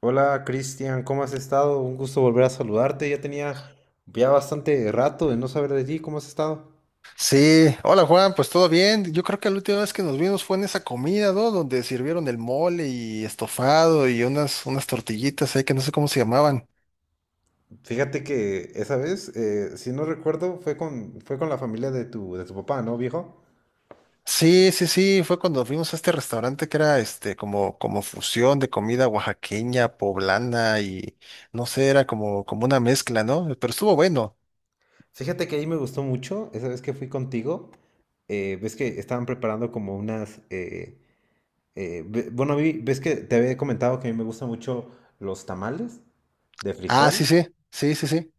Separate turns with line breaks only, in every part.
Hola Cristian, ¿cómo has estado? Un gusto volver a saludarte. Ya tenía ya bastante rato de no saber de ti. ¿Cómo has estado?
Sí, hola Juan, pues todo bien. Yo creo que la última vez que nos vimos fue en esa comida, ¿no? Donde sirvieron el mole y estofado y unas tortillitas ahí que no sé cómo se llamaban.
Fíjate que esa vez, si no recuerdo, fue con la familia de tu papá, ¿no, viejo?
Sí, sí, sí, fue cuando fuimos a este restaurante que era este como fusión de comida oaxaqueña, poblana y no sé, era como una mezcla, ¿no? Pero estuvo bueno.
Fíjate que ahí me gustó mucho esa vez que fui contigo. Ves que estaban preparando como unas... bueno, ves que te había comentado que a mí me gustan mucho los tamales de
Ah, sí,
frijol.
sí, sí, sí, sí.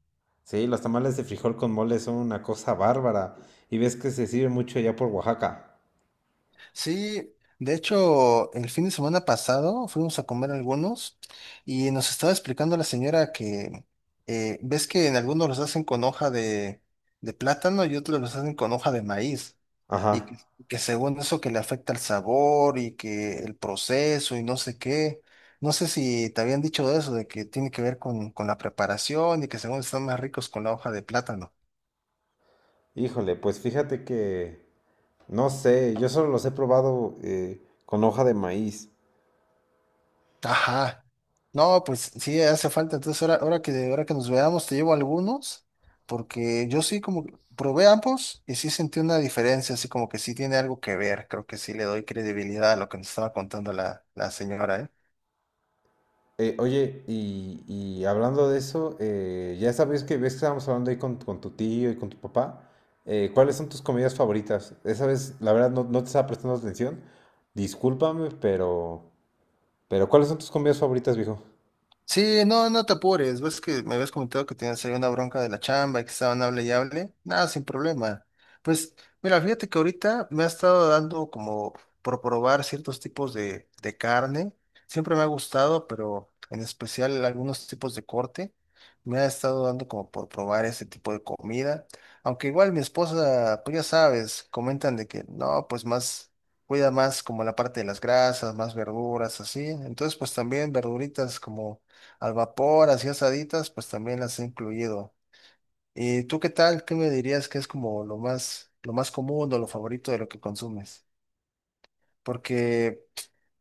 Sí, los tamales de frijol con mole son una cosa bárbara. Y ves que se sirve mucho allá por Oaxaca.
Sí, de hecho, el fin de semana pasado fuimos a comer algunos y nos estaba explicando la señora que ves que en algunos los hacen con de plátano y otros los hacen con hoja de maíz
Ajá.
y que según eso que le afecta el sabor y que el proceso y no sé qué. No sé si te habían dicho eso, de que tiene que ver con la preparación y que según están más ricos con la hoja de plátano.
Híjole, pues fíjate que... No sé, yo solo los he probado con hoja de maíz.
Ajá. No, pues sí, hace falta. Entonces, ahora que nos veamos, te llevo algunos, porque yo sí como que probé ambos y sí sentí una diferencia, así como que sí tiene algo que ver. Creo que sí le doy credibilidad a lo que nos estaba contando la señora, ¿eh?
Oye, y hablando de eso, ya sabes que ves que estábamos hablando ahí con tu tío y con tu papá. ¿Cuáles son tus comidas favoritas? Esa vez, la verdad, no te estaba prestando atención. Discúlpame, pero... Pero ¿cuáles son tus comidas favoritas, viejo?
Sí, no, no te apures. Ves que me habías comentado que tenías ahí una bronca de la chamba y que estaban hable y hable. Nada, sin problema. Pues, mira, fíjate que ahorita me ha estado dando como por probar ciertos tipos de carne. Siempre me ha gustado, pero en especial algunos tipos de corte. Me ha estado dando como por probar ese tipo de comida. Aunque igual mi esposa, pues ya sabes, comentan de que no, pues más cuida más como la parte de las grasas, más verduras, así. Entonces, pues también verduritas como al vapor, así asaditas, pues también las he incluido. ¿Y tú qué tal? ¿Qué me dirías que es como lo más común o lo favorito de lo que consumes? Porque,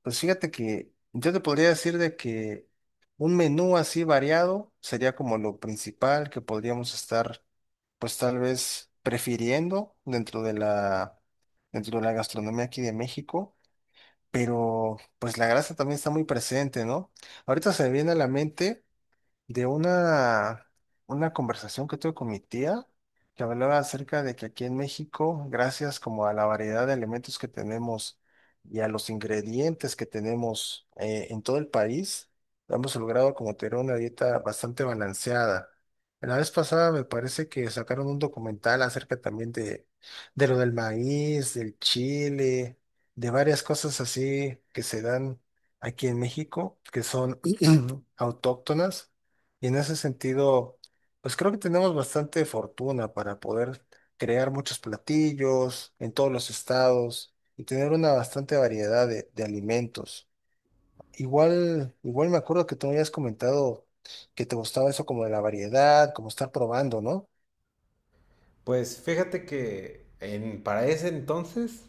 pues fíjate que yo te podría decir de que un menú así variado sería como lo principal que podríamos estar, pues tal vez prefiriendo dentro de dentro de la gastronomía aquí de México, pero pues la grasa también está muy presente, ¿no? Ahorita se me viene a la mente de una conversación que tuve con mi tía, que hablaba acerca de que aquí en México, gracias como a la variedad de elementos que tenemos y a los ingredientes que tenemos en todo el país, hemos logrado como tener una dieta bastante balanceada. La vez pasada me parece que sacaron un documental acerca también de lo del maíz, del chile, de varias cosas así que se dan aquí en México, que son autóctonas y en ese sentido, pues creo que tenemos bastante fortuna para poder crear muchos platillos en todos los estados y tener una bastante variedad de alimentos. Igual me acuerdo que tú me habías comentado que te gustaba eso como de la variedad, como estar probando, ¿no?
Pues fíjate que en, para ese entonces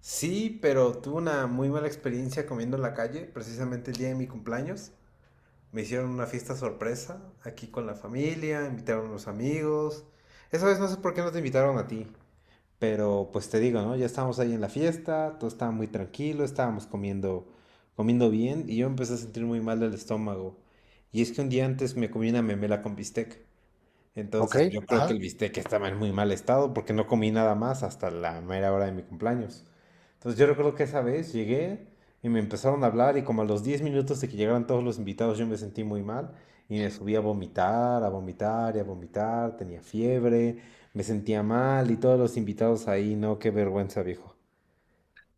sí, pero tuve una muy mala experiencia comiendo en la calle, precisamente el día de mi cumpleaños. Me hicieron una fiesta sorpresa aquí con la familia, invitaron a los amigos. Esa vez no sé por qué no te invitaron a ti, pero pues te digo, ¿no? Ya estábamos ahí en la fiesta, todo estaba muy tranquilo, estábamos comiendo bien y yo empecé a sentir muy mal del estómago. Y es que un día antes me comí una memela con bistec.
Ok,
Entonces yo creo que el
ajá.
bistec estaba en muy mal estado porque no comí nada más hasta la mera hora de mi cumpleaños. Entonces yo recuerdo que esa vez llegué y me empezaron a hablar y como a los 10 minutos de que llegaran todos los invitados yo me sentí muy mal y me subí a vomitar y a vomitar, tenía fiebre, me sentía mal y todos los invitados ahí, no, qué vergüenza, viejo.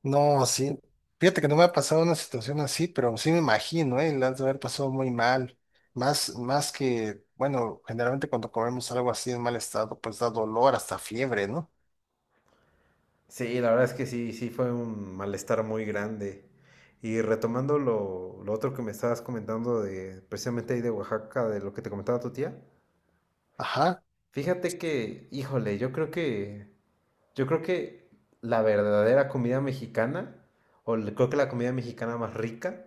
No, sí. Fíjate que no me ha pasado una situación así, pero sí me imagino, ¿eh? La has de haber pasado muy mal. Más que, bueno, generalmente cuando comemos algo así en mal estado, pues da dolor, hasta fiebre, ¿no?
Sí, la verdad es que sí, sí fue un malestar muy grande. Y retomando lo otro que me estabas comentando de precisamente ahí de Oaxaca, de lo que te comentaba tu tía,
Ajá.
fíjate que, híjole, yo creo que la verdadera comida mexicana, creo que la comida mexicana más rica,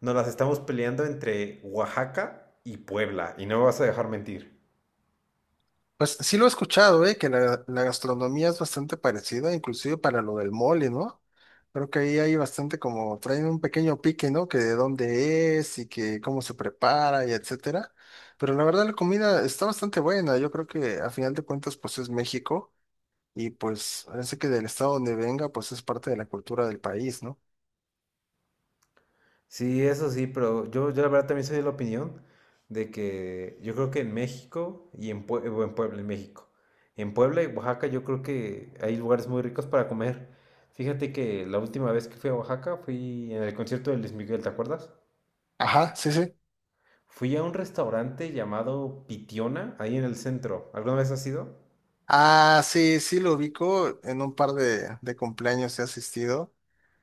nos las estamos peleando entre Oaxaca y Puebla, y no me vas a dejar mentir.
Pues sí lo he escuchado, ¿eh? Que la gastronomía es bastante parecida, inclusive para lo del mole, ¿no? Creo que ahí hay bastante como, traen un pequeño pique, ¿no? Que de dónde es y que cómo se prepara y etcétera. Pero la verdad la comida está bastante buena. Yo creo que a final de cuentas, pues es México. Y pues parece que del estado donde venga, pues es parte de la cultura del país, ¿no?
Sí, eso sí, pero yo la verdad también soy de la opinión de que yo creo que en México o en Puebla, en México, en Puebla y Oaxaca yo creo que hay lugares muy ricos para comer. Fíjate que la última vez que fui a Oaxaca fui en el concierto de Luis Miguel, ¿te acuerdas?
Ajá, sí, sí.
Fui a un restaurante llamado Pitiona, ahí en el centro. ¿Alguna vez has ido?
Ah, sí, sí lo ubico, en un par de cumpleaños he asistido.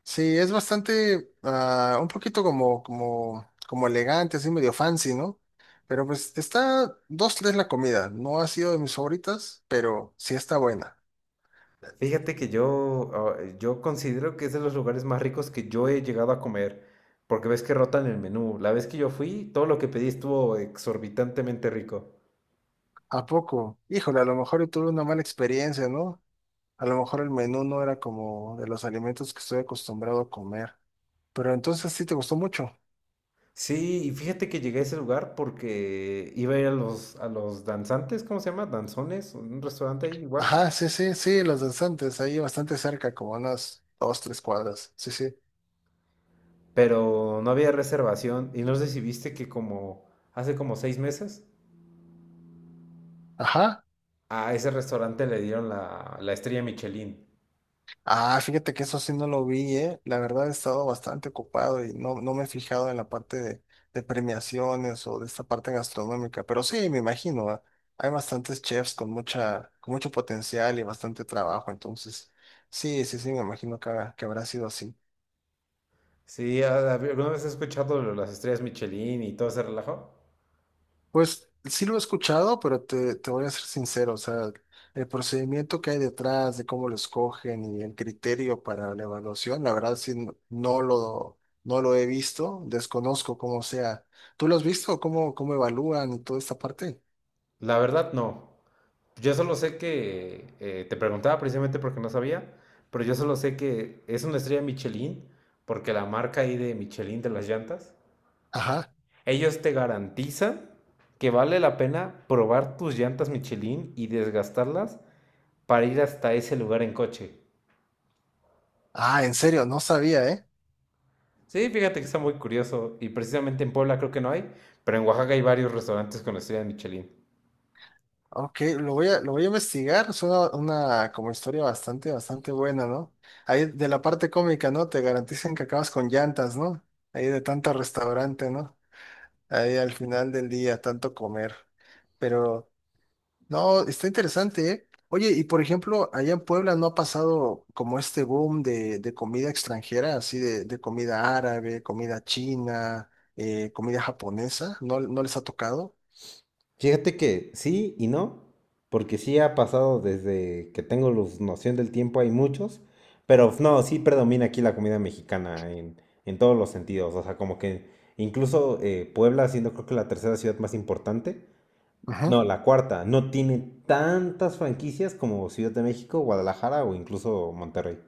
Sí, es bastante, ah, un poquito como elegante, así medio fancy, ¿no? Pero pues está dos, tres la comida, no ha sido de mis favoritas, pero sí está buena.
Fíjate que yo, yo considero que es de los lugares más ricos que yo he llegado a comer, porque ves que rotan el menú. La vez que yo fui, todo lo que pedí estuvo exorbitantemente rico.
¿A poco? Híjole, a lo mejor yo tuve una mala experiencia, ¿no? A lo mejor el menú no era como de los alimentos que estoy acostumbrado a comer. Pero entonces sí te gustó mucho.
Sí, y fíjate que llegué a ese lugar porque iba a ir a los danzantes, ¿cómo se llama? Danzones, un restaurante ahí igual.
Ajá, sí, sí, sí, los danzantes, ahí bastante cerca, como unas dos, tres cuadras. Sí, sí.
Pero no había reservación y no sé si viste que como hace como 6 meses.
Ajá.
A ese restaurante le dieron la estrella Michelin.
Ah, fíjate que eso sí no lo vi, ¿eh? La verdad he estado bastante ocupado y no, no me he fijado en la parte de premiaciones o de esta parte gastronómica. Pero sí, me imagino, ah, hay bastantes chefs con con mucho potencial y bastante trabajo. Entonces, sí, sí, sí, me imagino que, que habrá sido así.
Sí, ¿alguna vez has escuchado lo de las estrellas Michelin y todo ese relajo?
Pues sí lo he escuchado, pero te voy a ser sincero, o sea, el procedimiento que hay detrás de cómo lo escogen y el criterio para la evaluación, la verdad sí no lo he visto, desconozco cómo sea. ¿Tú lo has visto? ¿Cómo, cómo evalúan y toda esta parte?
La verdad, no. Yo solo sé que, te preguntaba precisamente porque no sabía, pero yo solo sé que es una estrella Michelin porque la marca ahí de Michelin de las llantas,
Ajá.
ellos te garantizan que vale la pena probar tus llantas Michelin y desgastarlas para ir hasta ese lugar en coche.
Ah, en serio, no sabía, ¿eh?
Sí, fíjate que está muy curioso. Y precisamente en Puebla creo que no hay, pero en Oaxaca hay varios restaurantes con la estrella de Michelin.
Ok, lo voy a investigar, es una como historia bastante, bastante buena, ¿no? Ahí de la parte cómica, ¿no? Te garantizan que acabas con llantas, ¿no? Ahí de tanto restaurante, ¿no? Ahí al final del día, tanto comer. Pero no, está interesante, ¿eh? Oye, y por ejemplo, allá en Puebla no ha pasado como este boom de comida extranjera, así de comida árabe, comida china, comida japonesa, ¿no, no les ha tocado?
Fíjate que sí y no, porque sí ha pasado desde que tengo noción del tiempo, hay muchos, pero no, sí predomina aquí la comida mexicana en todos los sentidos, o sea, como que incluso Puebla, siendo creo que la tercera ciudad más importante,
Ajá.
no, la cuarta, no tiene tantas franquicias como Ciudad de México, Guadalajara o incluso Monterrey.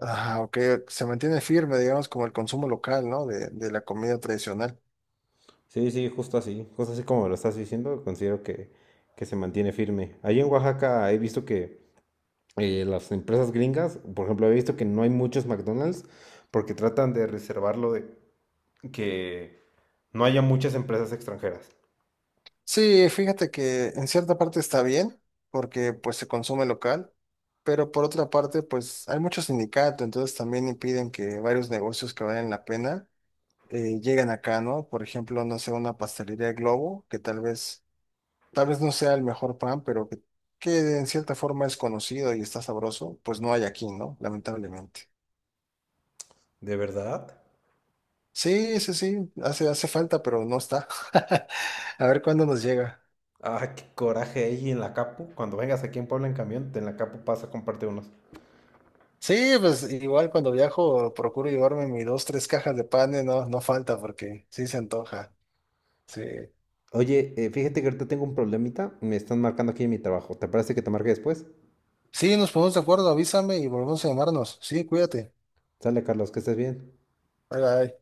Ah, ok, se mantiene firme, digamos, como el consumo local, ¿no? De la comida tradicional.
Sí, sí, justo así como lo estás diciendo, considero que se mantiene firme. Ahí en Oaxaca he visto que las empresas gringas, por ejemplo, he visto que no hay muchos McDonald's porque tratan de reservarlo de que no haya muchas empresas extranjeras.
Sí, fíjate que en cierta parte está bien, porque pues se consume local, pero por otra parte, pues hay muchos sindicatos, entonces también impiden que varios negocios que valen la pena lleguen acá, ¿no? Por ejemplo, no sé, una pastelería Globo, que tal vez no sea el mejor pan, pero que en cierta forma es conocido y está sabroso, pues no hay aquí, ¿no? Lamentablemente.
¿De verdad?
Sí, sí, sí, hace falta, pero no está. A ver cuándo nos llega.
Ah, qué coraje ahí en la Capu. Cuando vengas aquí en Puebla en camión, en la Capu pasa a comprarte unos.
Sí, pues igual cuando viajo procuro llevarme mis dos, tres cajas de pan, no, no falta porque sí se antoja. Sí.
Oye, fíjate que ahorita tengo un problemita, me están marcando aquí en mi trabajo. ¿Te parece que te marque después?
Sí, nos ponemos de acuerdo, avísame y volvemos a llamarnos. Sí, cuídate.
Sale, Carlos, que estés bien.
Bye bye.